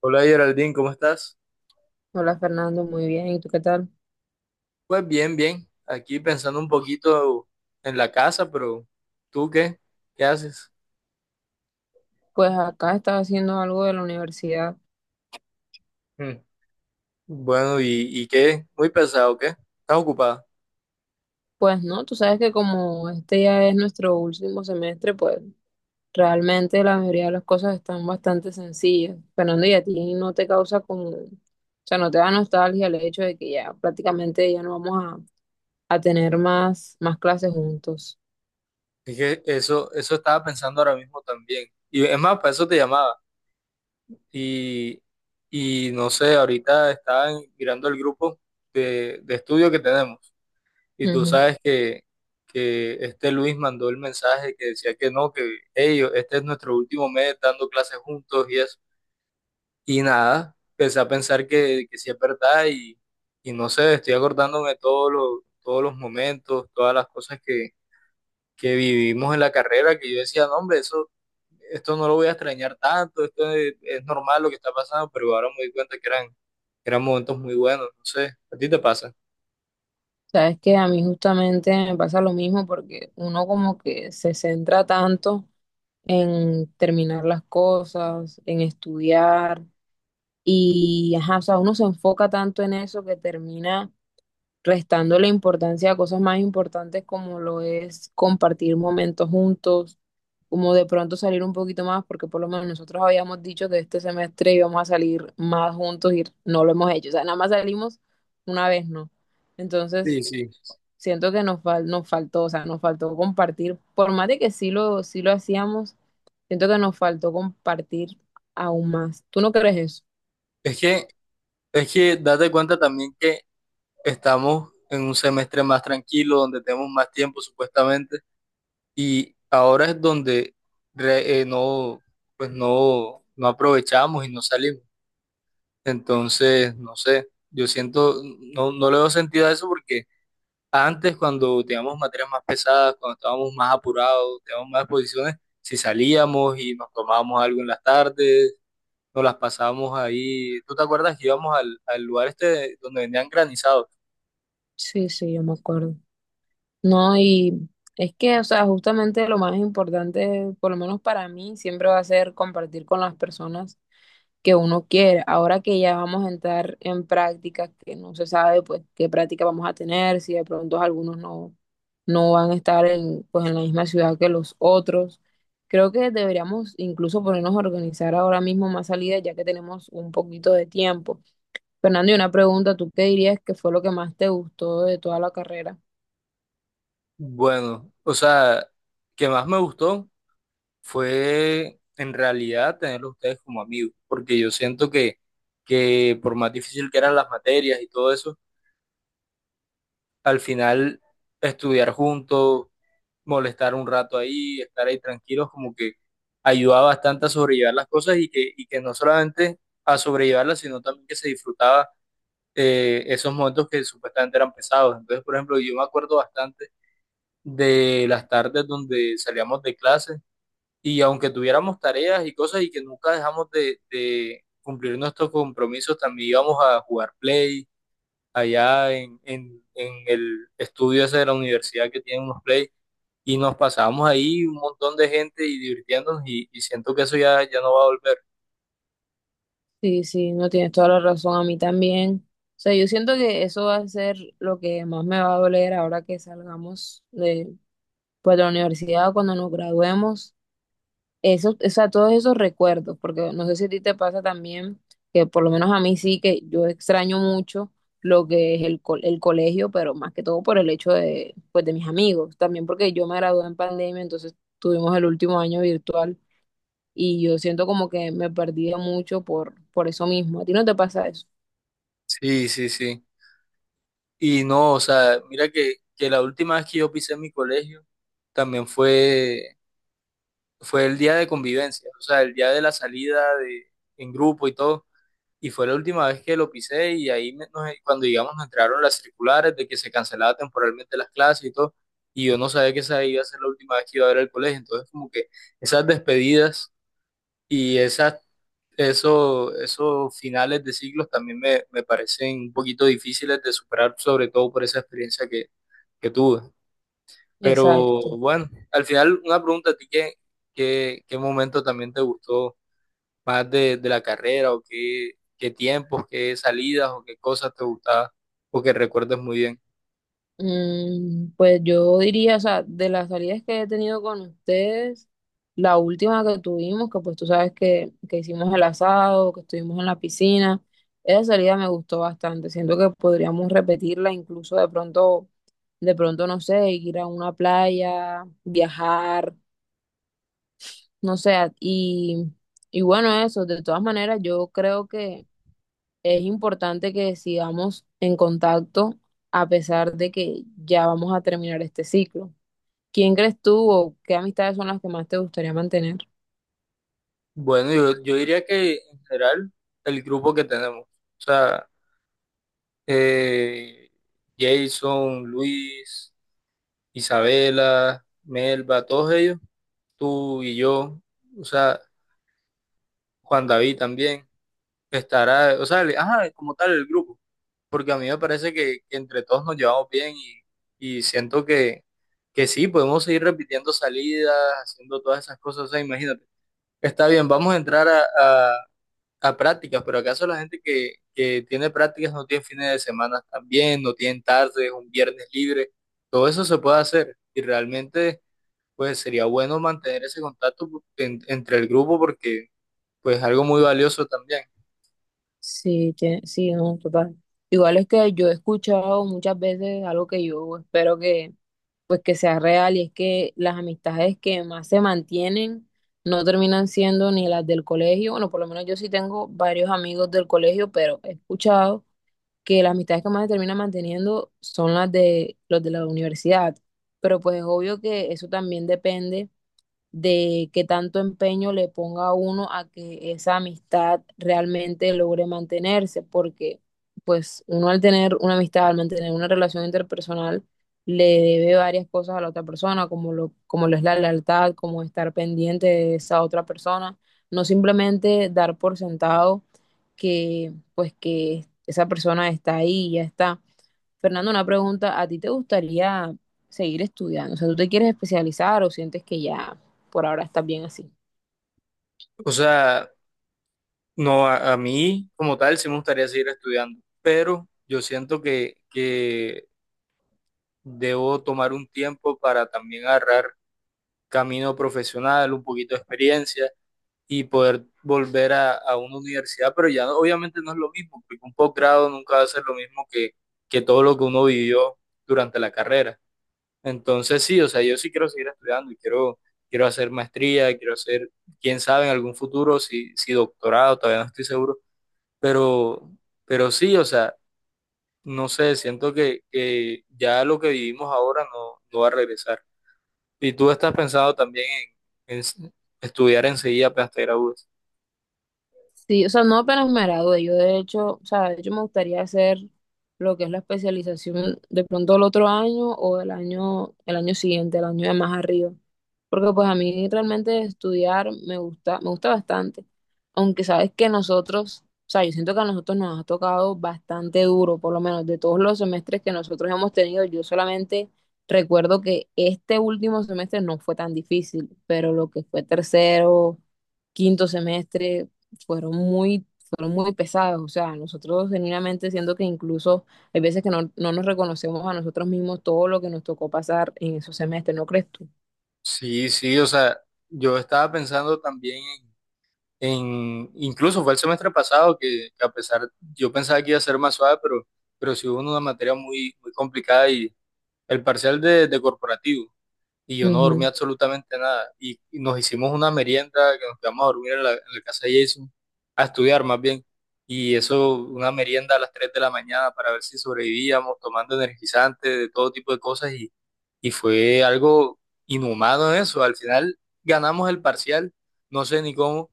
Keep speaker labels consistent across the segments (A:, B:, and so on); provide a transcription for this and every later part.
A: Hola Geraldine, ¿cómo estás?
B: Hola Fernando, muy bien. ¿Y tú qué tal?
A: Pues bien, bien. Aquí pensando un poquito en la casa, pero ¿tú qué? ¿Qué haces?
B: Pues acá estaba haciendo algo de la universidad.
A: Mm. Bueno, ¿y qué? Muy pesado, ¿qué? ¿Estás ocupada?
B: Pues no, tú sabes que como este ya es nuestro último semestre, pues realmente la mayoría de las cosas están bastante sencillas. Fernando, ¿y a ti no te causa como, o sea, no te da nostalgia el hecho de que ya prácticamente ya no vamos a tener más clases juntos?
A: Es que eso estaba pensando ahora mismo también. Y es más, para eso te llamaba. Y, y no sé, ahorita mirando el grupo de estudio que tenemos. Y tú
B: Ujú.
A: sabes que este Luis mandó el mensaje que decía que no, que ellos, este es nuestro último mes dando clases juntos y eso. Y nada, empecé a pensar que sí es verdad y no sé, estoy acordándome de todos los momentos, todas las cosas que vivimos en la carrera, que yo decía, no, hombre, eso, esto no lo voy a extrañar tanto, esto es normal lo que está pasando, pero ahora me doy cuenta que eran momentos muy buenos, no sé, ¿a ti te pasa?
B: Sabes que a mí justamente me pasa lo mismo porque uno como que se centra tanto en terminar las cosas, en estudiar. Y, ajá, o sea, uno se enfoca tanto en eso que termina restando la importancia a cosas más importantes como lo es compartir momentos juntos, como de pronto salir un poquito más, porque por lo menos nosotros habíamos dicho que este semestre íbamos a salir más juntos y no lo hemos hecho. O sea, nada más salimos una vez, ¿no?
A: Sí,
B: Entonces,
A: sí.
B: siento que nos faltó, o sea, nos faltó compartir, por más de que sí lo hacíamos. Siento que nos faltó compartir aún más. ¿Tú no crees eso?
A: Es que, es que date cuenta también que estamos en un semestre más tranquilo, donde tenemos más tiempo supuestamente. Y ahora es donde no, pues no, no aprovechamos y no salimos. Entonces, no sé, yo siento, no, no le doy sentido a eso porque antes cuando teníamos materias más pesadas, cuando estábamos más apurados, teníamos más exposiciones, si salíamos y nos tomábamos algo en las tardes, nos las pasábamos ahí. ¿Tú te acuerdas que íbamos al lugar este donde vendían granizados?
B: Sí, sí, yo me acuerdo. No, y es que, o sea, justamente lo más importante, por lo menos para mí, siempre va a ser compartir con las personas que uno quiere. Ahora que ya vamos a entrar en prácticas que no se sabe, pues, qué práctica vamos a tener, si de pronto algunos no van a estar en, pues, en la misma ciudad que los otros. Creo que deberíamos incluso ponernos a organizar ahora mismo más salidas, ya que tenemos un poquito de tiempo. Fernando, y una pregunta, ¿tú qué dirías que fue lo que más te gustó de toda la carrera?
A: Bueno, o sea, que más me gustó fue en realidad tenerlos ustedes como amigos, porque yo siento que por más difícil que eran las materias y todo eso, al final estudiar juntos, molestar un rato ahí, estar ahí tranquilos, como que ayudaba bastante a sobrellevar las cosas y que no solamente a sobrellevarlas, sino también que se disfrutaba esos momentos que supuestamente eran pesados. Entonces, por ejemplo, yo me acuerdo bastante de las tardes donde salíamos de clase. Y aunque tuviéramos tareas y cosas y que nunca dejamos de cumplir nuestros compromisos, también íbamos a jugar play allá en el estudio ese de la universidad que tiene unos play y nos pasábamos ahí un montón de gente y divirtiéndonos y siento que ya no va a volver.
B: Sí, sí, no tienes toda la razón, a mí también. O sea, yo siento que eso va a ser lo que más me va a doler ahora que salgamos de, pues, de la universidad, cuando nos graduemos. Eso, o sea, todos esos recuerdos, porque no sé si a ti te pasa también, que por lo menos a mí sí, que yo extraño mucho lo que es el colegio, pero más que todo por el hecho de, pues, de mis amigos, también porque yo me gradué en pandemia, entonces tuvimos el último año virtual. Y yo siento como que me perdí mucho por eso mismo. ¿A ti no te pasa eso?
A: Sí, sí, sí. Y no, o sea, mira que la última vez que yo pisé mi colegio también fue el día de convivencia, o sea, el día de la salida de, en grupo y todo. Y fue la última vez que lo pisé y ahí cuando digamos nos entregaron las circulares de que se cancelaba temporalmente las clases y todo. Y yo no sabía que esa iba a ser la última vez que iba a ver el colegio. Entonces como que esas despedidas y esas, eso, esos finales de ciclos también me parecen un poquito difíciles de superar, sobre todo por esa experiencia que tuve. Pero
B: Exacto.
A: bueno, al final una pregunta a ti, ¿ qué momento también te gustó más de la carrera o qué, qué tiempos, qué salidas o qué cosas te gustaba o que recuerdes muy bien.
B: Mm, pues yo diría, o sea, de las salidas que he tenido con ustedes, la última que tuvimos, que pues tú sabes que hicimos el asado, que estuvimos en la piscina, esa salida me gustó bastante. Siento que podríamos repetirla, incluso de pronto, no sé, ir a una playa, viajar, no sé, y bueno, eso, de todas maneras, yo creo que es importante que sigamos en contacto a pesar de que ya vamos a terminar este ciclo. ¿Quién crees tú o qué amistades son las que más te gustaría mantener?
A: Bueno, yo diría que en general el grupo que tenemos, o sea, eh, Jason, Luis, Isabela, Melba, todos ellos, tú y yo, o sea, Juan David también, estará, o sea, ajá, como tal el grupo. Porque a mí me parece que entre todos nos llevamos bien y siento que sí, podemos seguir repitiendo salidas, haciendo todas esas cosas. O sea, imagínate, está bien, vamos a entrar a prácticas, pero ¿acaso la gente que tiene prácticas no tiene fines de semana también, no tienen tardes, un viernes libre? Todo eso se puede hacer y realmente pues sería bueno mantener ese contacto entre el grupo porque pues algo muy valioso también.
B: Sí, sí, no, total. Igual es que yo he escuchado muchas veces algo que yo espero que pues que sea real y es que las amistades que más se mantienen no terminan siendo ni las del colegio. Bueno, por lo menos yo sí tengo varios amigos del colegio, pero he escuchado que las amistades que más se terminan manteniendo son las de los de la universidad. Pero pues es obvio que eso también depende de qué tanto empeño le ponga uno a que esa amistad realmente logre mantenerse, porque pues uno al tener una amistad, al mantener una relación interpersonal, le debe varias cosas a la otra persona, como lo es la lealtad, como estar pendiente de esa otra persona, no simplemente dar por sentado que pues que esa persona está ahí y ya está. Fernando, una pregunta, ¿a ti te gustaría seguir estudiando? O sea, ¿tú te quieres especializar o sientes que ya por ahora estás bien así?
A: O sea, no, a mí como tal sí me gustaría seguir estudiando, pero yo siento que debo tomar un tiempo para también agarrar camino profesional, un poquito de experiencia y poder volver a una universidad, pero obviamente no es lo mismo, porque un posgrado nunca va a ser lo mismo que todo lo que uno vivió durante la carrera. Entonces sí, o sea, yo sí quiero seguir estudiando y quiero, quiero hacer maestría, quiero hacer, quién sabe, en algún futuro, si doctorado, todavía no estoy seguro, pero, pero sí, o sea, no sé, siento que ya lo que vivimos ahora no, no va a regresar. Y tú estás pensado también en, estudiar enseguida apenas te gradúes.
B: Sí, o sea, no apenas me gradué, yo de hecho, o sea, de hecho me gustaría hacer lo que es la especialización de pronto el otro año o el año siguiente, el año de más arriba. Porque pues a mí realmente estudiar me gusta bastante. Aunque sabes que nosotros, o sea, yo siento que a nosotros nos ha tocado bastante duro, por lo menos de todos los semestres que nosotros hemos tenido, yo solamente recuerdo que este último semestre no fue tan difícil, pero lo que fue tercero, quinto semestre, fueron muy pesadas. O sea, nosotros genuinamente siento que incluso hay veces que no nos reconocemos a nosotros mismos todo lo que nos tocó pasar en esos semestres, ¿no crees tú?
A: Sí, sí, o sea, yo estaba pensando también en, incluso fue el semestre pasado que a pesar, yo pensaba que iba a ser más suave, pero sí hubo una materia muy complicada y el parcial de corporativo. Y yo no dormí
B: Ujú.
A: absolutamente nada. Y nos hicimos una merienda que nos quedamos a dormir en la casa de Jason, a estudiar más bien. Y eso, una merienda a las 3 de la mañana para ver si sobrevivíamos, tomando energizantes, de todo tipo de cosas. Y fue algo inhumano eso. Al final ganamos el parcial, no sé ni cómo,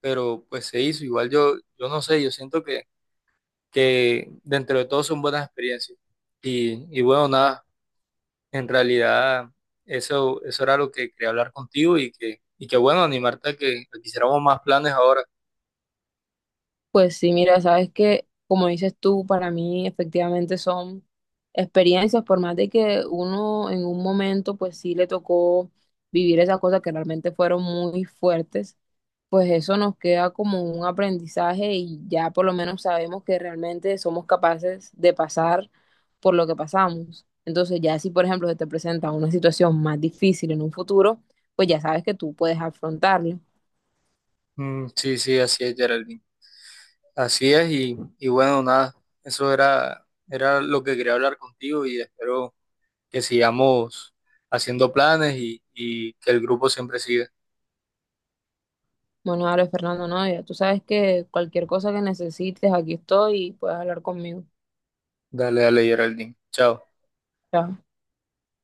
A: pero pues se hizo. Igual yo, yo no sé, yo siento que dentro de todo son buenas experiencias. Y bueno, nada, en realidad, eso era lo que quería hablar contigo y que bueno, animarte a a que hiciéramos más planes ahora.
B: Pues sí, mira, sabes que, como dices tú, para mí efectivamente son experiencias, por más de que uno en un momento, pues sí le tocó vivir esas cosas que realmente fueron muy fuertes, pues eso nos queda como un aprendizaje y ya por lo menos sabemos que realmente somos capaces de pasar por lo que pasamos. Entonces ya si por ejemplo se te presenta una situación más difícil en un futuro, pues ya sabes que tú puedes afrontarlo.
A: Mm, sí, sí, así es, Geraldine. Así es, y bueno, nada, eso era, era lo que quería hablar contigo y espero que sigamos haciendo planes y que el grupo siempre siga.
B: Bueno, dale, Fernando, no, ya tú sabes que cualquier cosa que necesites, aquí estoy y puedes hablar conmigo.
A: Dale, dale, Geraldine. Chao.
B: Chao.